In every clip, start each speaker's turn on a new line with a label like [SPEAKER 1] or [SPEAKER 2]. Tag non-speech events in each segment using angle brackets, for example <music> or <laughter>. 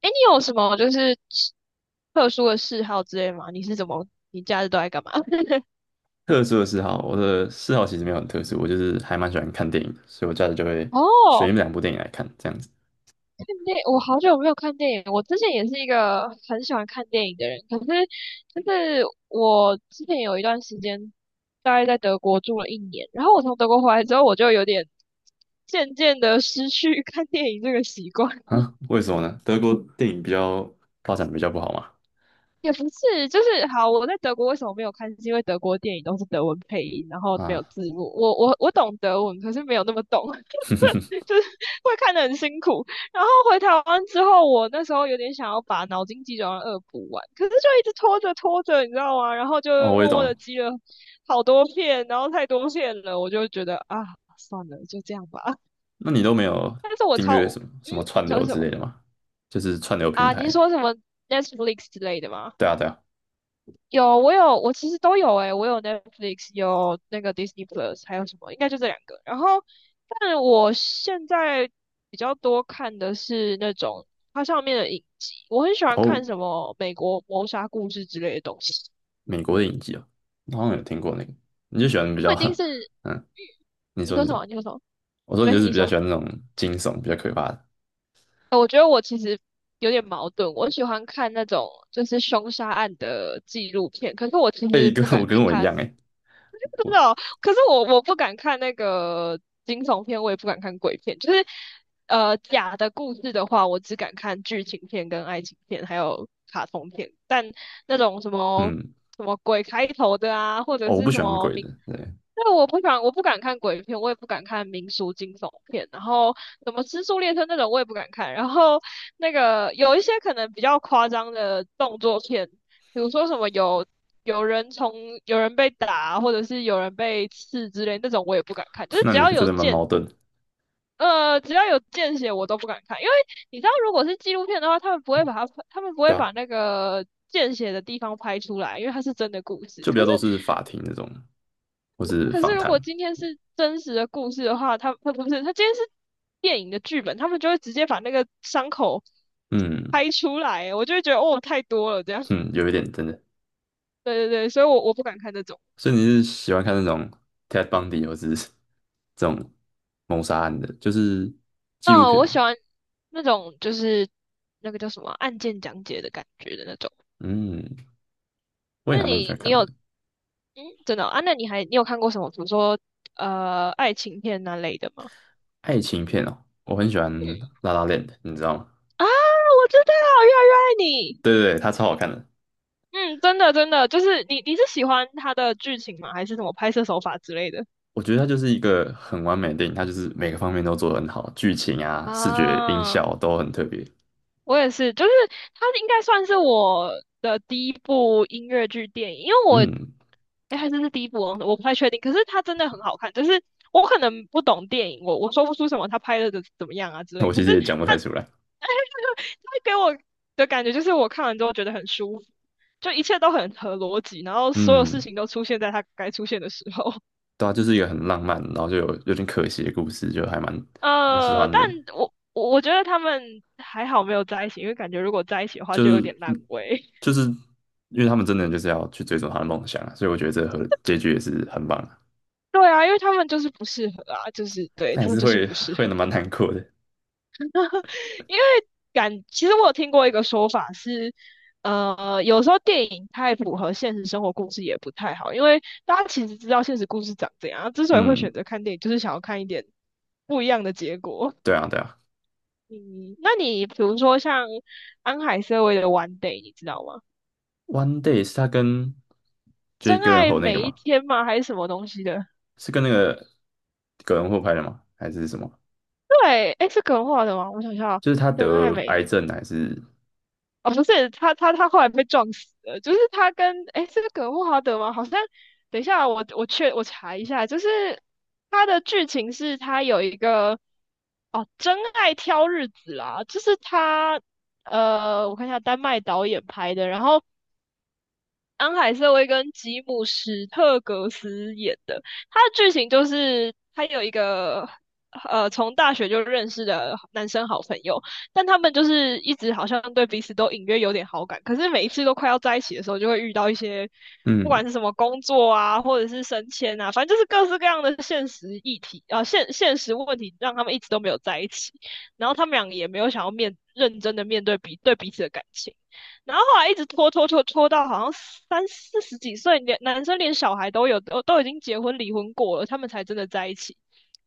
[SPEAKER 1] 哎，你有什么就是特殊的嗜好之类吗？你是怎么，你假日都在干嘛？
[SPEAKER 2] 特殊的嗜好，我的嗜好其实没有很特殊，我就是还蛮喜欢看电影的，所以我假日就会
[SPEAKER 1] <laughs>
[SPEAKER 2] 选一
[SPEAKER 1] 哦，
[SPEAKER 2] 两部电影来看，这样子。
[SPEAKER 1] 我好久没有看电影。我之前也是一个很喜欢看电影的人，可是就是我之前有一段时间大概在德国住了一年，然后我从德国回来之后，我就有点渐渐的失去 <laughs> 看电影这个习惯。
[SPEAKER 2] 啊？为什么呢？德国电影比较发展比较不好嘛？
[SPEAKER 1] 也不是，就是好，我在德国为什么没有看？是因为德国电影都是德文配音，然后没有
[SPEAKER 2] 啊，
[SPEAKER 1] 字幕。我懂德文，可是没有那么懂。
[SPEAKER 2] <laughs>
[SPEAKER 1] 就是 <laughs> 会看得很辛苦。然后回台湾之后，我那时候有点想要把脑筋急转弯二补完，可是就一直拖着拖着，你知道吗？然后就
[SPEAKER 2] 哦，我也
[SPEAKER 1] 默默的
[SPEAKER 2] 懂。
[SPEAKER 1] 积了好多片，然后太多片了，我就觉得啊，算了，就这样吧。<laughs>
[SPEAKER 2] 那你都没有
[SPEAKER 1] 但是我
[SPEAKER 2] 订
[SPEAKER 1] 超，
[SPEAKER 2] 阅什么
[SPEAKER 1] 嗯，
[SPEAKER 2] 什么
[SPEAKER 1] 你
[SPEAKER 2] 串流
[SPEAKER 1] 说什
[SPEAKER 2] 之
[SPEAKER 1] 么
[SPEAKER 2] 类的吗？就是串流平
[SPEAKER 1] 啊？你
[SPEAKER 2] 台。
[SPEAKER 1] 说什么 Netflix 之类的吗？
[SPEAKER 2] 对啊，对啊。
[SPEAKER 1] 有，我有，我其实都有诶、我有 Netflix，有那个 Disney Plus，还有什么？应该就这两个。然后，但我现在比较多看的是那种它上面的影集，我很喜欢
[SPEAKER 2] 哦，
[SPEAKER 1] 看什么美国谋杀故事之类的东西。
[SPEAKER 2] 美国的影集哦，我好像有听过那个。你就喜欢比
[SPEAKER 1] 不
[SPEAKER 2] 较，
[SPEAKER 1] 一定是，嗯
[SPEAKER 2] <laughs> 嗯，你
[SPEAKER 1] 你
[SPEAKER 2] 说
[SPEAKER 1] 说
[SPEAKER 2] 你
[SPEAKER 1] 什么？
[SPEAKER 2] 说，
[SPEAKER 1] 你说什么？
[SPEAKER 2] 我说
[SPEAKER 1] 没
[SPEAKER 2] 你
[SPEAKER 1] 关
[SPEAKER 2] 就
[SPEAKER 1] 系，
[SPEAKER 2] 是
[SPEAKER 1] 你
[SPEAKER 2] 比较喜
[SPEAKER 1] 说。
[SPEAKER 2] 欢那种惊悚、比较可怕的。
[SPEAKER 1] 我觉得我其实有点矛盾，我喜欢看那种就是凶杀案的纪录片，可是我其
[SPEAKER 2] 哎、
[SPEAKER 1] 实
[SPEAKER 2] 跟
[SPEAKER 1] 不
[SPEAKER 2] 我
[SPEAKER 1] 敢
[SPEAKER 2] 跟我一
[SPEAKER 1] 看。
[SPEAKER 2] 样哎、
[SPEAKER 1] 真的
[SPEAKER 2] 我
[SPEAKER 1] 哦，可是我不敢看那个惊悚片，我也不敢看鬼片，就是假的故事的话，我只敢看剧情片、跟爱情片，还有卡通片。但那种什么
[SPEAKER 2] 嗯。
[SPEAKER 1] 什么鬼开头的啊，或者
[SPEAKER 2] 哦，我不
[SPEAKER 1] 是什
[SPEAKER 2] 喜欢
[SPEAKER 1] 么
[SPEAKER 2] 鬼
[SPEAKER 1] 民，
[SPEAKER 2] 的，对，
[SPEAKER 1] 那我不敢，我不敢看鬼片，我也不敢看民俗惊悚片，然后什么《失速列车》那种我也不敢看，然后那个有一些可能比较夸张的动作片，比如说什么有人从有人被打，或者是有人被刺之类那种，我也不敢看。就
[SPEAKER 2] <laughs>
[SPEAKER 1] 是
[SPEAKER 2] 那你是真的蛮矛盾的，
[SPEAKER 1] 只要有见血，我都不敢看，因为你知道，如果是纪录片的话，他们不会把它拍，他们不会
[SPEAKER 2] 对啊，
[SPEAKER 1] 把那个见血的地方拍出来，因为它是真的故事。
[SPEAKER 2] 就比
[SPEAKER 1] 可
[SPEAKER 2] 较
[SPEAKER 1] 是，
[SPEAKER 2] 都是法庭那种，或是
[SPEAKER 1] 可是
[SPEAKER 2] 访
[SPEAKER 1] 如果
[SPEAKER 2] 谈，
[SPEAKER 1] 今天是真实的故事的话，他不是，他今天是电影的剧本，他们就会直接把那个伤口
[SPEAKER 2] 嗯
[SPEAKER 1] 拍出来，我就会觉得哦，太多了这样。
[SPEAKER 2] 嗯，有一点真的，
[SPEAKER 1] 对对对，所以我不敢看这种。
[SPEAKER 2] 所以你是喜欢看那种 Ted Bundy 或是 <laughs> 这种谋杀案的，就是纪录
[SPEAKER 1] 哦，
[SPEAKER 2] 片，
[SPEAKER 1] 我喜欢那种就是那个叫什么啊案件讲解的感觉的那种。
[SPEAKER 2] 嗯，我也
[SPEAKER 1] 那
[SPEAKER 2] 还蛮喜
[SPEAKER 1] 你
[SPEAKER 2] 欢
[SPEAKER 1] 你
[SPEAKER 2] 看
[SPEAKER 1] 有
[SPEAKER 2] 的，
[SPEAKER 1] 嗯，真的哦啊？那你还你有看过什么，比如说爱情片那类的吗？
[SPEAKER 2] 爱情片哦，我很喜欢
[SPEAKER 1] 嗯
[SPEAKER 2] 《La La Land》，你知道吗？
[SPEAKER 1] 啊，我知道，越来越爱你。
[SPEAKER 2] 对对对，它超好看的。
[SPEAKER 1] 嗯，真的真的，就是你是喜欢他的剧情吗？还是什么拍摄手法之类的？
[SPEAKER 2] 我觉得它就是一个很完美的电影，它就是每个方面都做得很好，剧情啊、视觉、音
[SPEAKER 1] 啊，
[SPEAKER 2] 效都很特别。
[SPEAKER 1] 我也是，就是它应该算是我的第一部音乐剧电影，因为我，
[SPEAKER 2] 嗯，
[SPEAKER 1] 哎，还真是第一部哦，我不太确定。可是它真的很好看，就是我可能不懂电影，我说不出什么他拍的怎么样啊之类。
[SPEAKER 2] 我
[SPEAKER 1] 可
[SPEAKER 2] 其
[SPEAKER 1] 是
[SPEAKER 2] 实也讲不
[SPEAKER 1] 他，
[SPEAKER 2] 太出来。
[SPEAKER 1] <laughs> 哎，他给我的感觉就是我看完之后觉得很舒服，就一切都很合逻辑，然后所有事
[SPEAKER 2] 嗯，
[SPEAKER 1] 情都出现在它该出现的时候。<laughs>
[SPEAKER 2] 对啊，就是一个很浪漫，然后就有有点可惜的故事，就还蛮喜
[SPEAKER 1] 呃，
[SPEAKER 2] 欢
[SPEAKER 1] 但
[SPEAKER 2] 的。
[SPEAKER 1] 我觉得他们还好没有在一起，因为感觉如果在一起的话
[SPEAKER 2] 就
[SPEAKER 1] 就有
[SPEAKER 2] 是
[SPEAKER 1] 点烂尾。
[SPEAKER 2] 就是因为他们真的就是要去追逐他的梦想啊，所以我觉得这个和结局也是很棒的，
[SPEAKER 1] 对啊，因为他们就是不适合啊，就是对
[SPEAKER 2] 但也
[SPEAKER 1] 他们
[SPEAKER 2] 是
[SPEAKER 1] 就是
[SPEAKER 2] 会
[SPEAKER 1] 不适
[SPEAKER 2] 会
[SPEAKER 1] 合。
[SPEAKER 2] 蛮难过的。
[SPEAKER 1] <laughs> 因为感，其实我有听过一个说法是，呃，有时候电影太符合现实生活故事也不太好，因为大家其实知道现实故事长怎样，之所以会选
[SPEAKER 2] 嗯，
[SPEAKER 1] 择看电影，就是想要看一点不一样的结果。
[SPEAKER 2] 对啊，对啊。
[SPEAKER 1] 嗯，那你比如说像安海瑟薇的《One Day》，你知道吗？
[SPEAKER 2] One Day 是他跟
[SPEAKER 1] 真
[SPEAKER 2] Jake
[SPEAKER 1] 爱
[SPEAKER 2] g 那个
[SPEAKER 1] 每一
[SPEAKER 2] 吗？
[SPEAKER 1] 天吗？还是什么东西的？
[SPEAKER 2] 是跟那个葛伦霍拍的吗？还是什么？
[SPEAKER 1] 对，哎，是可能画的吗？我想一下哦，
[SPEAKER 2] 就是他
[SPEAKER 1] 真爱
[SPEAKER 2] 得癌
[SPEAKER 1] 每
[SPEAKER 2] 症还是
[SPEAKER 1] 哦，不是，他后来被撞死了，就是他跟哎，这个葛莫华德吗？好像等一下我查一下，就是他的剧情是他有一个哦，真爱挑日子啦，就是他呃，我看一下丹麦导演拍的，然后安海瑟薇跟吉姆·史特格斯演的。他的剧情就是他有一个从大学就认识的男生好朋友，但他们就是一直好像对彼此都隐约有点好感，可是每一次都快要在一起的时候，就会遇到一些不管
[SPEAKER 2] 嗯，
[SPEAKER 1] 是什么工作啊，或者是升迁啊，反正就是各式各样的现实议题啊、现实问题，让他们一直都没有在一起。然后他们俩也没有想要认真的面对彼此的感情。然后后来一直拖到好像三四十几岁，连男生连小孩都有，都已经结婚离婚过了，他们才真的在一起。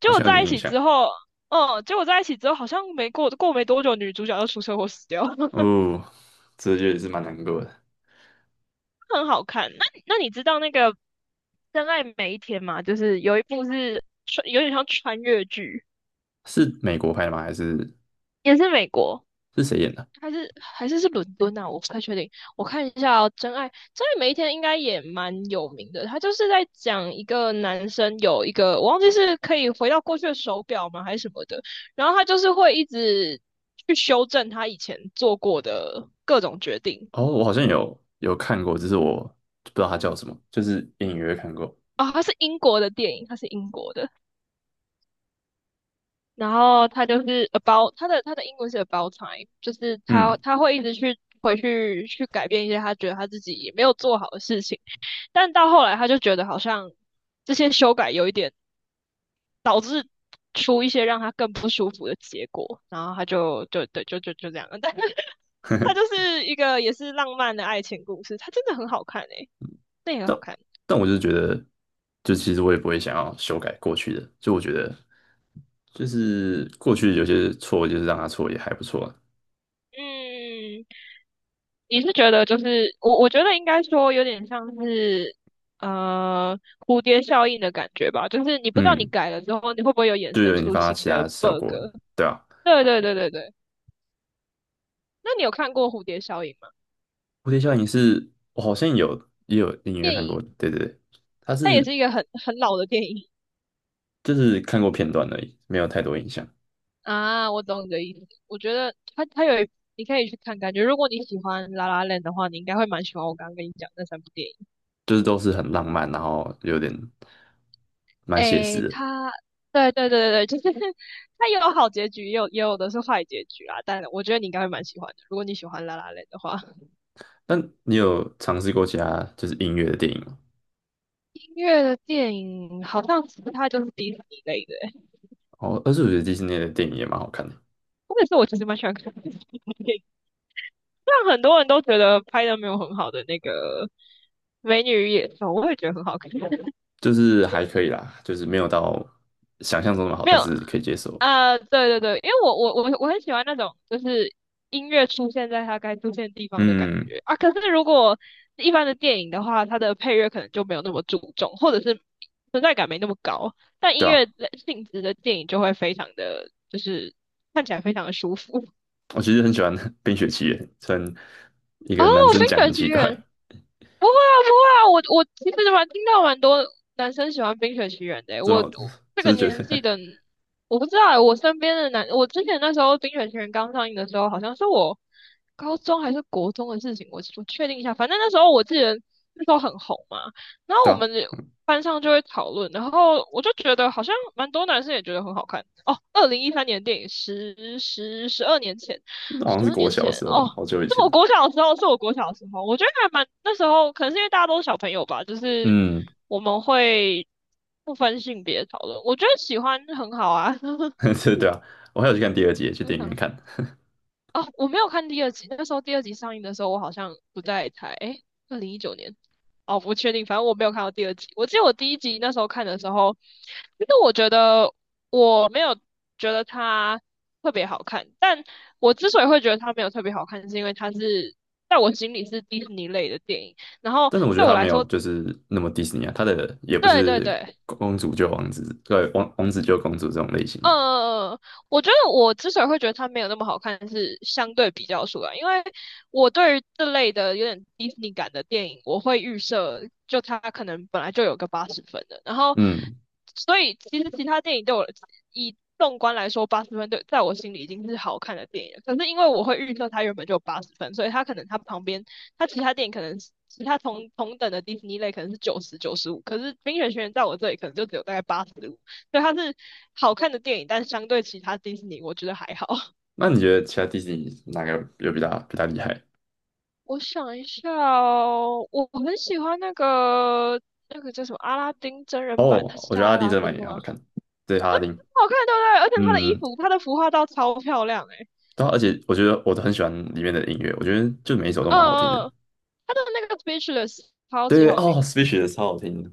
[SPEAKER 1] 结果
[SPEAKER 2] 像有
[SPEAKER 1] 在
[SPEAKER 2] 点
[SPEAKER 1] 一
[SPEAKER 2] 印
[SPEAKER 1] 起
[SPEAKER 2] 象。
[SPEAKER 1] 之后，嗯，结果在一起之后好像没过过没多久，女主角就出车祸死掉了，<laughs>
[SPEAKER 2] 哦，这就也是蛮难过的。
[SPEAKER 1] 很好看。那你知道那个《真爱每一天》吗？就是有一部是穿有点像穿越剧，
[SPEAKER 2] 是美国拍的吗？还是
[SPEAKER 1] 也是美国。
[SPEAKER 2] 是谁演的？
[SPEAKER 1] 还是伦敦啊，我不太确定。我看一下哦，《真爱每一天》应该也蛮有名的，他就是在讲一个男生有一个我忘记是可以回到过去的手表吗还是什么的，然后他就是会一直去修正他以前做过的各种决定
[SPEAKER 2] 哦，我好像有看过，只是我不知道他叫什么，就是隐约看过。
[SPEAKER 1] 啊。他是英国的电影，他是英国的，然后他就是 about 他的英文是 about time，就是他
[SPEAKER 2] 嗯，
[SPEAKER 1] 他会一直去回去去改变一些他觉得他自己没有做好的事情。但到后来他就觉得好像这些修改有一点出一些让他更不舒服的结果，然后他就就对就就就这样了。但 <laughs>
[SPEAKER 2] <laughs> 呵
[SPEAKER 1] 他
[SPEAKER 2] 呵
[SPEAKER 1] 就是一个也是浪漫的爱情故事，它真的很好看诶、那也很
[SPEAKER 2] 但
[SPEAKER 1] 好看。
[SPEAKER 2] 但我就是觉得，就其实我也不会想要修改过去的，就我觉得就是过去有些错，就是让它错也还不错啊。
[SPEAKER 1] 嗯，你是觉得就是我觉得应该说有点像是蝴蝶效应的感觉吧，就是你不知道你
[SPEAKER 2] 嗯，
[SPEAKER 1] 改了之后你会不会有衍
[SPEAKER 2] 就有
[SPEAKER 1] 生
[SPEAKER 2] 引
[SPEAKER 1] 出
[SPEAKER 2] 发
[SPEAKER 1] 新
[SPEAKER 2] 其
[SPEAKER 1] 的
[SPEAKER 2] 他效
[SPEAKER 1] bug。
[SPEAKER 2] 果，对啊。
[SPEAKER 1] 对对对对对，那你有看过蝴蝶效应吗？
[SPEAKER 2] 蝴蝶效应是我好像有也有隐约看过，对对对，它
[SPEAKER 1] 那也
[SPEAKER 2] 是
[SPEAKER 1] 是一个很很老的电影。
[SPEAKER 2] 就是看过片段而已，没有太多印象。
[SPEAKER 1] 啊，我懂你的意思。我觉得它它有一你可以去看，感觉如果你喜欢《La l 的话，你应该会蛮喜欢我刚刚跟你讲那三部电影。
[SPEAKER 2] 就是都是很浪漫，然后有点蛮写实
[SPEAKER 1] 诶，
[SPEAKER 2] 的。
[SPEAKER 1] 它 <laughs>，对对对对对，就是 <laughs> 它有好结局，也有的是坏结局啊。但我觉得你应该会蛮喜欢的，如果你喜欢《La l 的话。
[SPEAKER 2] 但你有尝试过其他就是音乐的电影吗？
[SPEAKER 1] 音乐的电影好像其他就是迪士尼类的欸，
[SPEAKER 2] 哦，但是我觉得迪士尼的电影也蛮好看的，
[SPEAKER 1] 或者是我其实蛮喜欢看迪士尼的电影，虽然很多人都觉得拍的没有很好的那个《美女与野兽》，我也觉得很好看。
[SPEAKER 2] 就是还可以啦，就是没有到想象中那么好，
[SPEAKER 1] 没
[SPEAKER 2] 但
[SPEAKER 1] 有，
[SPEAKER 2] 是可以接受。
[SPEAKER 1] 啊、对对对，因为我很喜欢那种就是音乐出现在它该出现的地方的感
[SPEAKER 2] 嗯，
[SPEAKER 1] 觉啊。可是如果是一般的电影的话，它的配乐可能就没有那么注重，或者是存在感没那么高。但音
[SPEAKER 2] 对啊，
[SPEAKER 1] 乐的性质的电影就会非常的，就是看起来非常的舒服。
[SPEAKER 2] 我其实很喜欢 <laughs>《冰雪奇缘》，虽然一
[SPEAKER 1] 哦，
[SPEAKER 2] 个男生讲
[SPEAKER 1] 《冰
[SPEAKER 2] 很
[SPEAKER 1] 雪奇
[SPEAKER 2] 奇怪，
[SPEAKER 1] 缘》不会啊，不会啊，我其实蛮听到蛮多男生喜欢《冰雪奇缘》的欸，
[SPEAKER 2] 怎
[SPEAKER 1] 我
[SPEAKER 2] 么
[SPEAKER 1] 我这个
[SPEAKER 2] 就是觉
[SPEAKER 1] 年纪
[SPEAKER 2] 得
[SPEAKER 1] 的，我不知道欸，我身边的男，我之前那时候《冰雪奇缘》刚上映的时候，好像是我高中还是国中的事情，我确定一下，反正那时候我记得那时候很红嘛，然
[SPEAKER 2] <laughs>
[SPEAKER 1] 后
[SPEAKER 2] 对
[SPEAKER 1] 我
[SPEAKER 2] 啊，
[SPEAKER 1] 们班上就会讨论，然后我就觉得好像蛮多男生也觉得很好看哦。2013年的电影，十二年前，
[SPEAKER 2] 那好像
[SPEAKER 1] 十
[SPEAKER 2] 是
[SPEAKER 1] 二
[SPEAKER 2] 国
[SPEAKER 1] 年
[SPEAKER 2] 小的
[SPEAKER 1] 前
[SPEAKER 2] 时候
[SPEAKER 1] 哦，
[SPEAKER 2] 了好久以
[SPEAKER 1] 是
[SPEAKER 2] 前。
[SPEAKER 1] 我国小的时候，是我国小的时候，我觉得还蛮那时候，可能是因为大家都是小朋友吧，就是
[SPEAKER 2] 嗯，
[SPEAKER 1] 我们会不分性别讨论，我觉得喜欢很好啊。<laughs>
[SPEAKER 2] <laughs> 对对啊，我还有去看第二集，去电影院
[SPEAKER 1] 啊，
[SPEAKER 2] 看。
[SPEAKER 1] 哦，我没有看第二集，那时候第二集上映的时候，我好像不在台，诶，2019年，哦，不确定，反正我没有看到第二集。我记得我第一集那时候看的时候，其实我觉得它特别好看。但我之所以会觉得它没有特别好看，是因为它是在我心里是迪士尼类的电影。然后
[SPEAKER 2] 但是我觉
[SPEAKER 1] 对
[SPEAKER 2] 得
[SPEAKER 1] 我
[SPEAKER 2] 他没
[SPEAKER 1] 来
[SPEAKER 2] 有
[SPEAKER 1] 说，
[SPEAKER 2] 就是那么迪士尼啊，他的也不
[SPEAKER 1] 对对
[SPEAKER 2] 是
[SPEAKER 1] 对，
[SPEAKER 2] 公主救王子，对，王子救公主这种类型的。
[SPEAKER 1] 嗯嗯，我觉得我之所以会觉得它没有那么好看，是相对比较出来，因为我对于这类的有点迪士尼感的电影，我会预设就它可能本来就有个八十分的，然后
[SPEAKER 2] 嗯，
[SPEAKER 1] 所以其实其他电影对我以纵观来说，八十分对在我心里已经是好看的电影了。可是因为我会预设它原本就有八十分，所以它可能它旁边它其他电影可能是其他等的迪士尼类可能是95，95可是《冰雪奇缘》在我这里可能就只有大概八十，对，它是好看的电影，但是相对其他迪士尼，我觉得还好。<laughs>
[SPEAKER 2] 那你觉得其他迪士尼哪个有比较厉害？
[SPEAKER 1] 我想一下哦，我很喜欢那个叫什么阿拉丁真人版，它
[SPEAKER 2] 哦，
[SPEAKER 1] 是
[SPEAKER 2] 我觉
[SPEAKER 1] 叫
[SPEAKER 2] 得阿拉
[SPEAKER 1] 阿
[SPEAKER 2] 丁
[SPEAKER 1] 拉
[SPEAKER 2] 真的蛮
[SPEAKER 1] 丁
[SPEAKER 2] 也很
[SPEAKER 1] 吗？
[SPEAKER 2] 好看，对，阿拉丁，
[SPEAKER 1] 好看，对不对？而且它的衣
[SPEAKER 2] 嗯，
[SPEAKER 1] 服，它的服化道超漂亮诶、
[SPEAKER 2] 对啊，而且我觉得我都很喜欢里面的音乐，我觉得就每一首都蛮好听的。
[SPEAKER 1] 嗯嗯，它的那个 Speechless 超级
[SPEAKER 2] 对，
[SPEAKER 1] 好听，
[SPEAKER 2] 哦 Speechle 超好听的，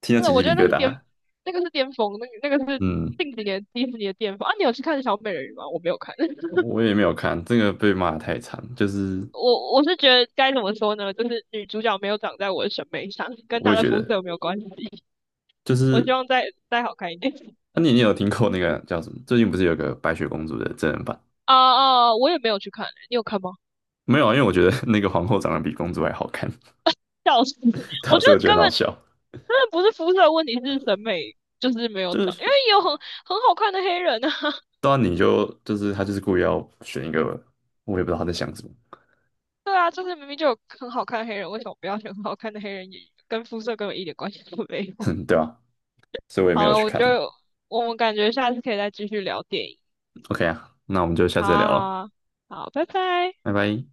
[SPEAKER 2] 听到
[SPEAKER 1] 真
[SPEAKER 2] 起
[SPEAKER 1] 的，我
[SPEAKER 2] 鸡
[SPEAKER 1] 觉
[SPEAKER 2] 皮
[SPEAKER 1] 得
[SPEAKER 2] 疙瘩。
[SPEAKER 1] 那个是巅峰，那个是
[SPEAKER 2] 嗯，
[SPEAKER 1] 近几年迪士尼的巅峰啊！你有去看小美人鱼吗？我没有看。<laughs>
[SPEAKER 2] 我也没有看，这个被骂得太惨，就是
[SPEAKER 1] 我是觉得该怎么说呢？就是女主角没有长在我的审美上，跟
[SPEAKER 2] 我
[SPEAKER 1] 她
[SPEAKER 2] 也
[SPEAKER 1] 的
[SPEAKER 2] 觉
[SPEAKER 1] 肤
[SPEAKER 2] 得，
[SPEAKER 1] 色没有关系。
[SPEAKER 2] 就
[SPEAKER 1] 我希
[SPEAKER 2] 是
[SPEAKER 1] 望再好看一点。<laughs>
[SPEAKER 2] 那、啊你有听过那个叫什么？最近不是有个白雪公主的真人版？
[SPEAKER 1] 啊啊！我也没有去看、欸你有看吗？
[SPEAKER 2] 没有啊，因为我觉得 <laughs> 那个皇后长得比公主还好看，
[SPEAKER 1] 笑死！
[SPEAKER 2] <laughs>
[SPEAKER 1] <laughs>
[SPEAKER 2] 对
[SPEAKER 1] 我
[SPEAKER 2] 啊
[SPEAKER 1] 觉
[SPEAKER 2] 所以我
[SPEAKER 1] 得
[SPEAKER 2] 觉得
[SPEAKER 1] 根
[SPEAKER 2] 很好
[SPEAKER 1] 本
[SPEAKER 2] 笑。
[SPEAKER 1] 真的不是肤色的问题，是审美就是没有
[SPEAKER 2] 就
[SPEAKER 1] 长，因为
[SPEAKER 2] 是
[SPEAKER 1] 也有很好看的黑人啊。<laughs>
[SPEAKER 2] 当然你就就是他就是故意要选一个，我也不知道他在想什么，
[SPEAKER 1] 对啊，就是明明就有很好看的黑人，为什么不要选很好看的黑人演员？跟肤色根本一点关系都没
[SPEAKER 2] <laughs>
[SPEAKER 1] 有。
[SPEAKER 2] 哼，对啊，所以我
[SPEAKER 1] <laughs>
[SPEAKER 2] 也没
[SPEAKER 1] 好
[SPEAKER 2] 有
[SPEAKER 1] 了，
[SPEAKER 2] 去看。
[SPEAKER 1] 我们感觉下次可以再继续聊电影。
[SPEAKER 2] OK 啊，那我们就下
[SPEAKER 1] 好
[SPEAKER 2] 次再
[SPEAKER 1] 啊，
[SPEAKER 2] 聊了，
[SPEAKER 1] 好啊，好，拜拜。
[SPEAKER 2] 拜拜。